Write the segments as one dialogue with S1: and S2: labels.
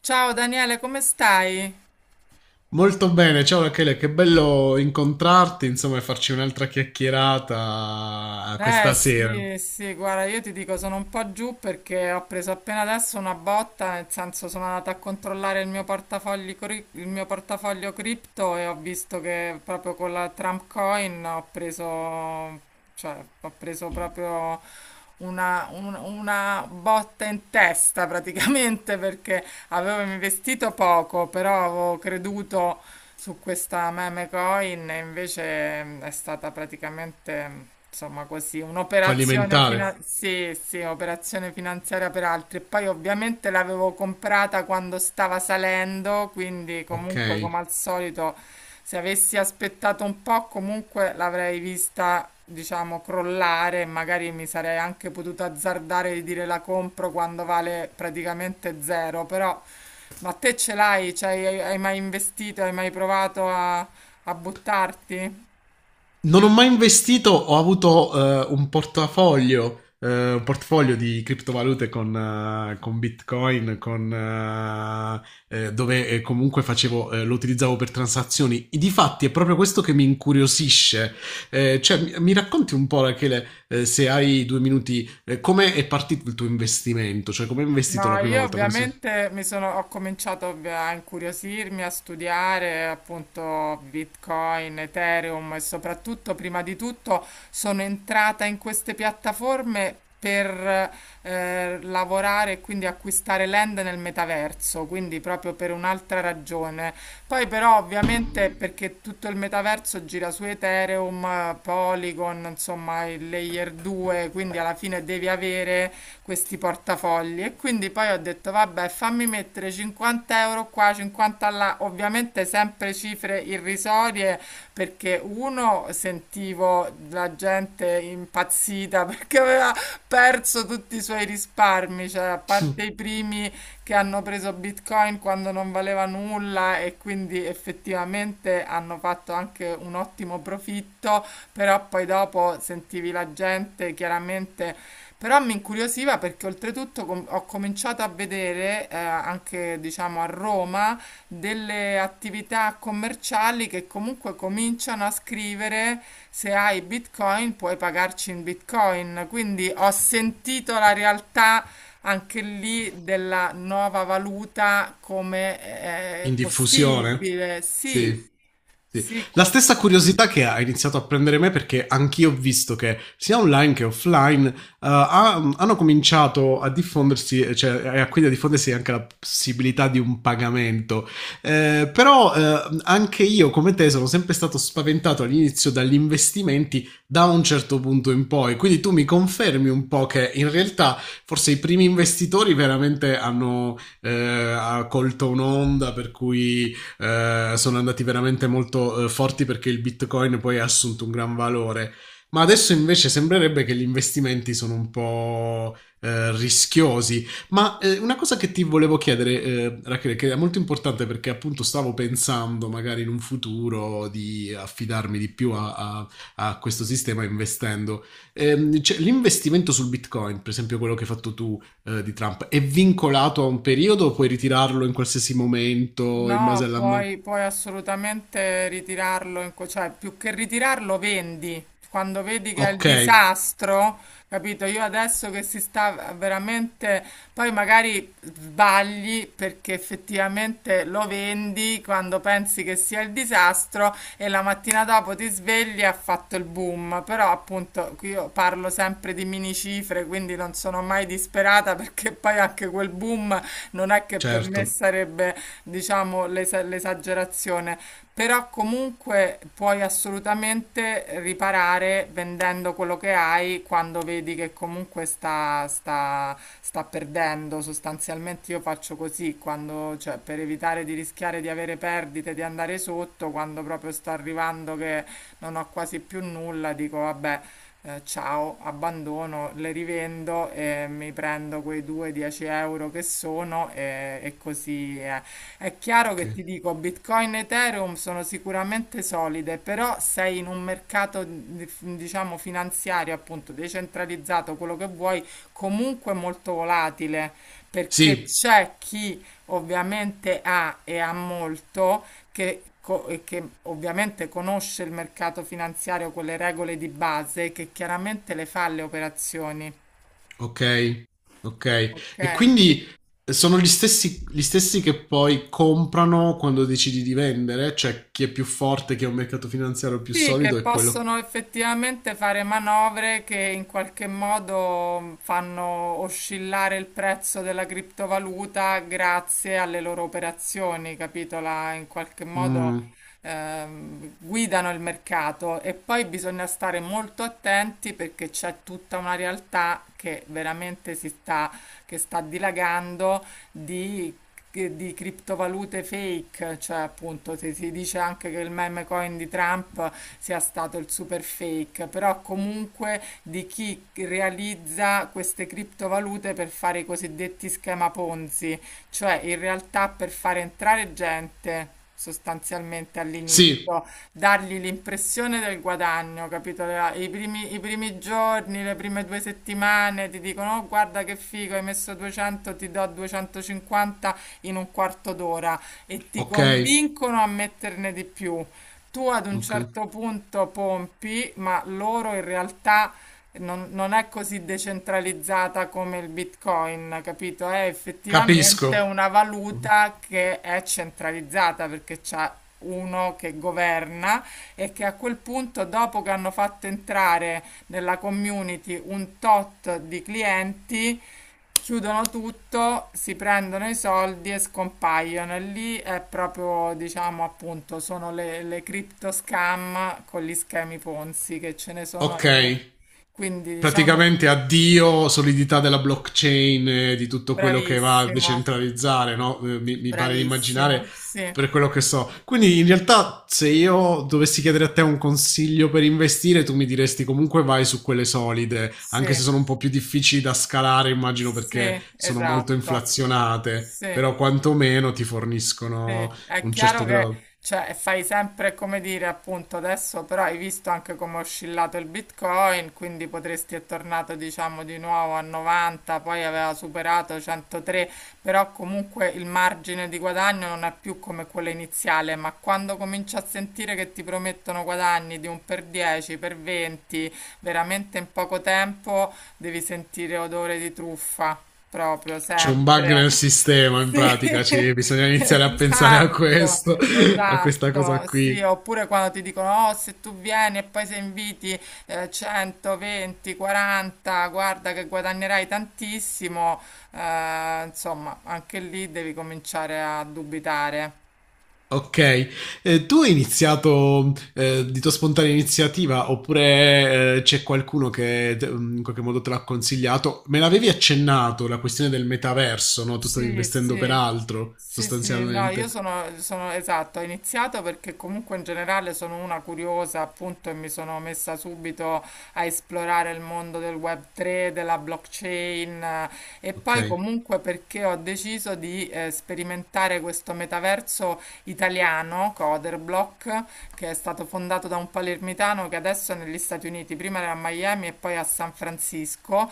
S1: Ciao Daniele, come stai?
S2: Molto bene, ciao Rachele, che bello incontrarti, insomma, e farci un'altra chiacchierata
S1: Eh
S2: questa sera,
S1: sì, sì, guarda, io ti dico, sono un po' giù perché ho preso appena adesso una botta, nel senso sono andata a controllare il mio il mio portafoglio cripto e ho visto che proprio con la Trump Coin ho preso, cioè, ho preso proprio una botta in testa praticamente perché avevo investito poco, però avevo creduto su questa meme coin e invece è stata praticamente, insomma, così
S2: fallimentare.
S1: sì, sì, operazione finanziaria per altri. E poi ovviamente l'avevo comprata quando stava salendo, quindi
S2: Ok.
S1: comunque come al solito se avessi aspettato un po' comunque l'avrei vista, diciamo, crollare e magari mi sarei anche potuta azzardare di dire la compro quando vale praticamente zero, però ma te ce l'hai? Cioè, hai mai investito? Hai mai provato a, a buttarti?
S2: Non ho mai investito, ho avuto un portafoglio, un portfolio di criptovalute con Bitcoin, con, dove comunque facevo, lo utilizzavo per transazioni. E difatti è proprio questo che mi incuriosisce. Cioè, mi racconti un po', Rachele, se hai due minuti, come è partito il tuo investimento? Cioè, come hai investito
S1: No,
S2: la prima
S1: io
S2: volta? Perché se-
S1: ovviamente mi sono, a incuriosirmi, a studiare appunto Bitcoin, Ethereum e soprattutto, prima di tutto, sono entrata in queste piattaforme per lavorare e quindi acquistare land nel metaverso, quindi proprio per un'altra ragione. Poi però ovviamente perché tutto il metaverso gira su Ethereum, Polygon, insomma il layer 2, quindi alla fine devi avere questi portafogli. E quindi poi ho detto vabbè fammi mettere 50 euro qua, 50 là, ovviamente sempre cifre irrisorie perché uno sentivo la gente impazzita perché aveva perso tutti i suoi risparmi, cioè a parte i primi che hanno preso Bitcoin quando non valeva nulla e quindi effettivamente hanno fatto anche un ottimo profitto, però poi dopo sentivi la gente chiaramente però mi incuriosiva perché oltretutto ho cominciato a vedere anche diciamo a Roma delle attività commerciali che comunque cominciano a scrivere se hai Bitcoin puoi pagarci in Bitcoin. Quindi ho sentito la realtà anche lì della nuova valuta come
S2: In diffusione?
S1: possibile.
S2: Sì.
S1: Sì,
S2: Sì.
S1: sì.
S2: La
S1: co-
S2: stessa curiosità che ha iniziato a prendere me, perché anch'io ho visto che sia online che offline hanno cominciato a diffondersi, quindi a diffondersi anche la possibilità di un pagamento. Però anche io come te sono sempre stato spaventato all'inizio dagli investimenti da un certo punto in poi. Quindi tu mi confermi un po' che in realtà forse i primi investitori veramente hanno ha colto un'onda per cui sono andati veramente molto forti, perché il bitcoin poi ha assunto un gran valore. Ma adesso invece sembrerebbe che gli investimenti sono un po' rischiosi. Una cosa che ti volevo chiedere, Rachele, che è molto importante, perché appunto stavo pensando magari in un futuro di affidarmi di più a questo sistema investendo. Cioè, l'investimento sul Bitcoin, per esempio quello che hai fatto tu, di Trump. È vincolato a un periodo o puoi ritirarlo in qualsiasi momento in base
S1: No,
S2: alla...
S1: puoi, puoi assolutamente ritirarlo, cioè più che ritirarlo vendi. Quando vedi che è il
S2: Ok,
S1: disastro, capito? Io adesso che si sta veramente, poi magari sbagli perché effettivamente lo vendi quando pensi che sia il disastro e la mattina dopo ti svegli e ha fatto il boom. Però appunto qui io parlo sempre di mini cifre, quindi non sono mai disperata perché poi anche quel boom non è che per me
S2: certo.
S1: sarebbe diciamo, l'esagerazione, però comunque puoi assolutamente riparare vendendo quello che hai quando vedi che comunque sta perdendo. Sostanzialmente io faccio così, quando, cioè, per evitare di rischiare di avere perdite, di andare sotto, quando proprio sto arrivando che non ho quasi più nulla, dico vabbè ciao, abbandono, le rivendo e mi prendo quei 2-10 euro che sono e così è. È chiaro
S2: Ok.
S1: che ti dico, Bitcoin e Ethereum sono sicuramente solide, però sei in un mercato, diciamo, finanziario, appunto, decentralizzato, quello che vuoi, comunque molto volatile, perché
S2: Sì,
S1: c'è chi ovviamente ha e ha molto che, e che ovviamente conosce il mercato finanziario, quelle regole di base, che chiaramente le fa le operazioni,
S2: ok, ok.
S1: ok?
S2: E quindi sono gli stessi che poi comprano quando decidi di vendere, cioè chi è più forte, chi ha un mercato finanziario più
S1: Sì, che
S2: solido è quello.
S1: possono effettivamente fare manovre che in qualche modo fanno oscillare il prezzo della criptovaluta grazie alle loro operazioni, capito? In qualche modo
S2: Mm,
S1: guidano il mercato e poi bisogna stare molto attenti perché c'è tutta una realtà che veramente si sta, che sta dilagando di di criptovalute fake, cioè appunto se si dice anche che il meme coin di Trump sia stato il super fake, però comunque di chi realizza queste criptovalute per fare i cosiddetti schema Ponzi, cioè in realtà per fare entrare gente sostanzialmente
S2: sì,
S1: all'inizio. Dargli l'impressione del guadagno, capito? I primi giorni, le prime due settimane ti dicono: "Oh, guarda che figo, hai messo 200, ti do 250 in un quarto d'ora e ti
S2: ok,
S1: convincono a metterne di più. Tu ad un
S2: ok.
S1: certo punto pompi, ma loro in realtà non è così decentralizzata come il Bitcoin, capito? È effettivamente
S2: Capisco.
S1: una valuta che è centralizzata perché c'è uno che governa e che a quel punto, dopo che hanno fatto entrare nella community un tot di clienti, chiudono tutto, si prendono i soldi e scompaiono. E lì è proprio, diciamo, appunto, sono le crypto scam con gli schemi Ponzi che ce ne sono, ahimè.
S2: Ok,
S1: Quindi, diciamo,
S2: praticamente addio solidità della blockchain, di tutto quello che va a
S1: bravissimo,
S2: decentralizzare, no? Mi pare di immaginare
S1: bravissimo, sì,
S2: per quello che so. Quindi in realtà se io dovessi chiedere a te un consiglio per investire, tu mi diresti comunque vai su quelle solide,
S1: sì,
S2: anche se sono un po' più difficili da scalare, immagino, perché
S1: sì,
S2: sono molto
S1: esatto,
S2: inflazionate,
S1: sì.
S2: però quantomeno ti
S1: Sì,
S2: forniscono
S1: è
S2: un
S1: chiaro
S2: certo
S1: che
S2: grado.
S1: cioè, fai sempre come dire, appunto, adesso però hai visto anche come è oscillato il Bitcoin, quindi potresti è tornato, diciamo, di nuovo a 90, poi aveva superato 103, però comunque il margine di guadagno non è più come quello iniziale, ma quando cominci a sentire che ti promettono guadagni di un per 10, per 20, veramente in poco tempo devi sentire odore di truffa. Proprio,
S2: C'è un bug nel
S1: sempre.
S2: sistema, in
S1: Sì,
S2: pratica, bisogna iniziare a pensare a
S1: esatto,
S2: questo, a questa cosa
S1: esatto, sì,
S2: qui.
S1: oppure quando ti dicono, oh, se tu vieni e poi se inviti 120, 40, guarda che guadagnerai tantissimo, insomma, anche lì devi cominciare a dubitare.
S2: Ok, tu hai iniziato di tua spontanea iniziativa, oppure c'è qualcuno in qualche modo te l'ha consigliato? Me l'avevi accennato la questione del metaverso, no? Tu stavi
S1: Sì,
S2: investendo per
S1: sì,
S2: altro,
S1: sì, sì, no, io
S2: sostanzialmente.
S1: sono, esatto, ho iniziato perché comunque in generale sono una curiosa, appunto, e mi sono messa subito a esplorare il mondo del Web3, della blockchain e
S2: Ok,
S1: poi comunque perché ho deciso di sperimentare questo metaverso italiano, Coderblock, che è stato fondato da un palermitano che adesso è negli Stati Uniti, prima era a Miami e poi a San Francisco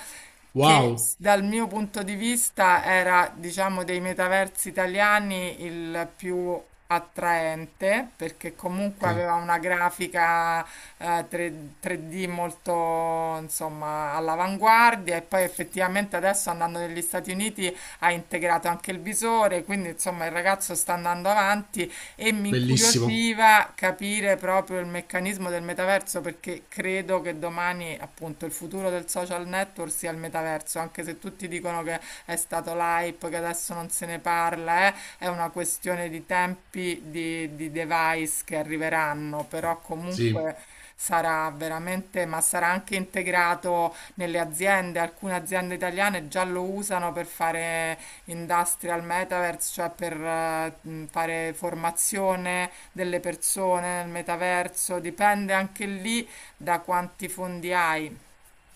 S1: che
S2: wow,
S1: dal mio punto di vista era, diciamo, dei metaversi italiani il più attraente, perché
S2: ok,
S1: comunque aveva una grafica eh, 3, 3D molto, insomma, all'avanguardia e poi effettivamente adesso andando negli Stati Uniti ha integrato anche il visore, quindi insomma il ragazzo sta andando avanti e mi
S2: bellissimo.
S1: incuriosiva capire proprio il meccanismo del metaverso perché credo che domani appunto il futuro del social network sia il metaverso, anche se tutti dicono che è stato l'hype, che adesso non se ne parla, è una questione di tempi di device che arriveranno, però
S2: Sì,
S1: comunque sarà veramente, ma sarà anche integrato nelle aziende, alcune aziende italiane già lo usano per fare Industrial Metaverse, cioè per fare formazione delle persone nel metaverso, dipende anche lì da quanti fondi hai,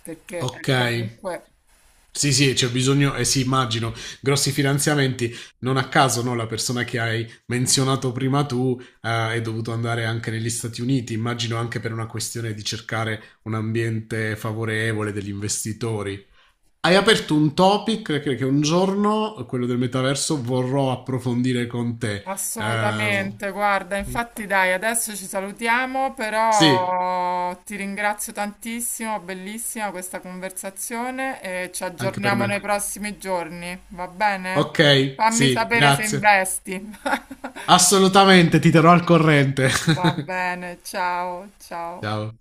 S1: perché è
S2: okay.
S1: comunque
S2: Sì, sì, c'è bisogno, eh sì, immagino, grossi finanziamenti. Non a caso, no, la persona che hai menzionato prima tu, è dovuto andare anche negli Stati Uniti, immagino anche per una questione di cercare un ambiente favorevole degli investitori. Hai aperto un topic che un giorno, quello del metaverso, vorrò approfondire con te. Ehm,
S1: assolutamente, guarda,
S2: mh,
S1: infatti dai, adesso ci salutiamo,
S2: sì,
S1: però ti ringrazio tantissimo, bellissima questa conversazione e ci
S2: anche per
S1: aggiorniamo nei
S2: me.
S1: prossimi giorni, va bene?
S2: Okay,
S1: Fammi
S2: sì,
S1: sapere se
S2: grazie.
S1: investi.
S2: Assolutamente, ti terrò al corrente.
S1: Va bene, ciao, ciao.
S2: Ciao.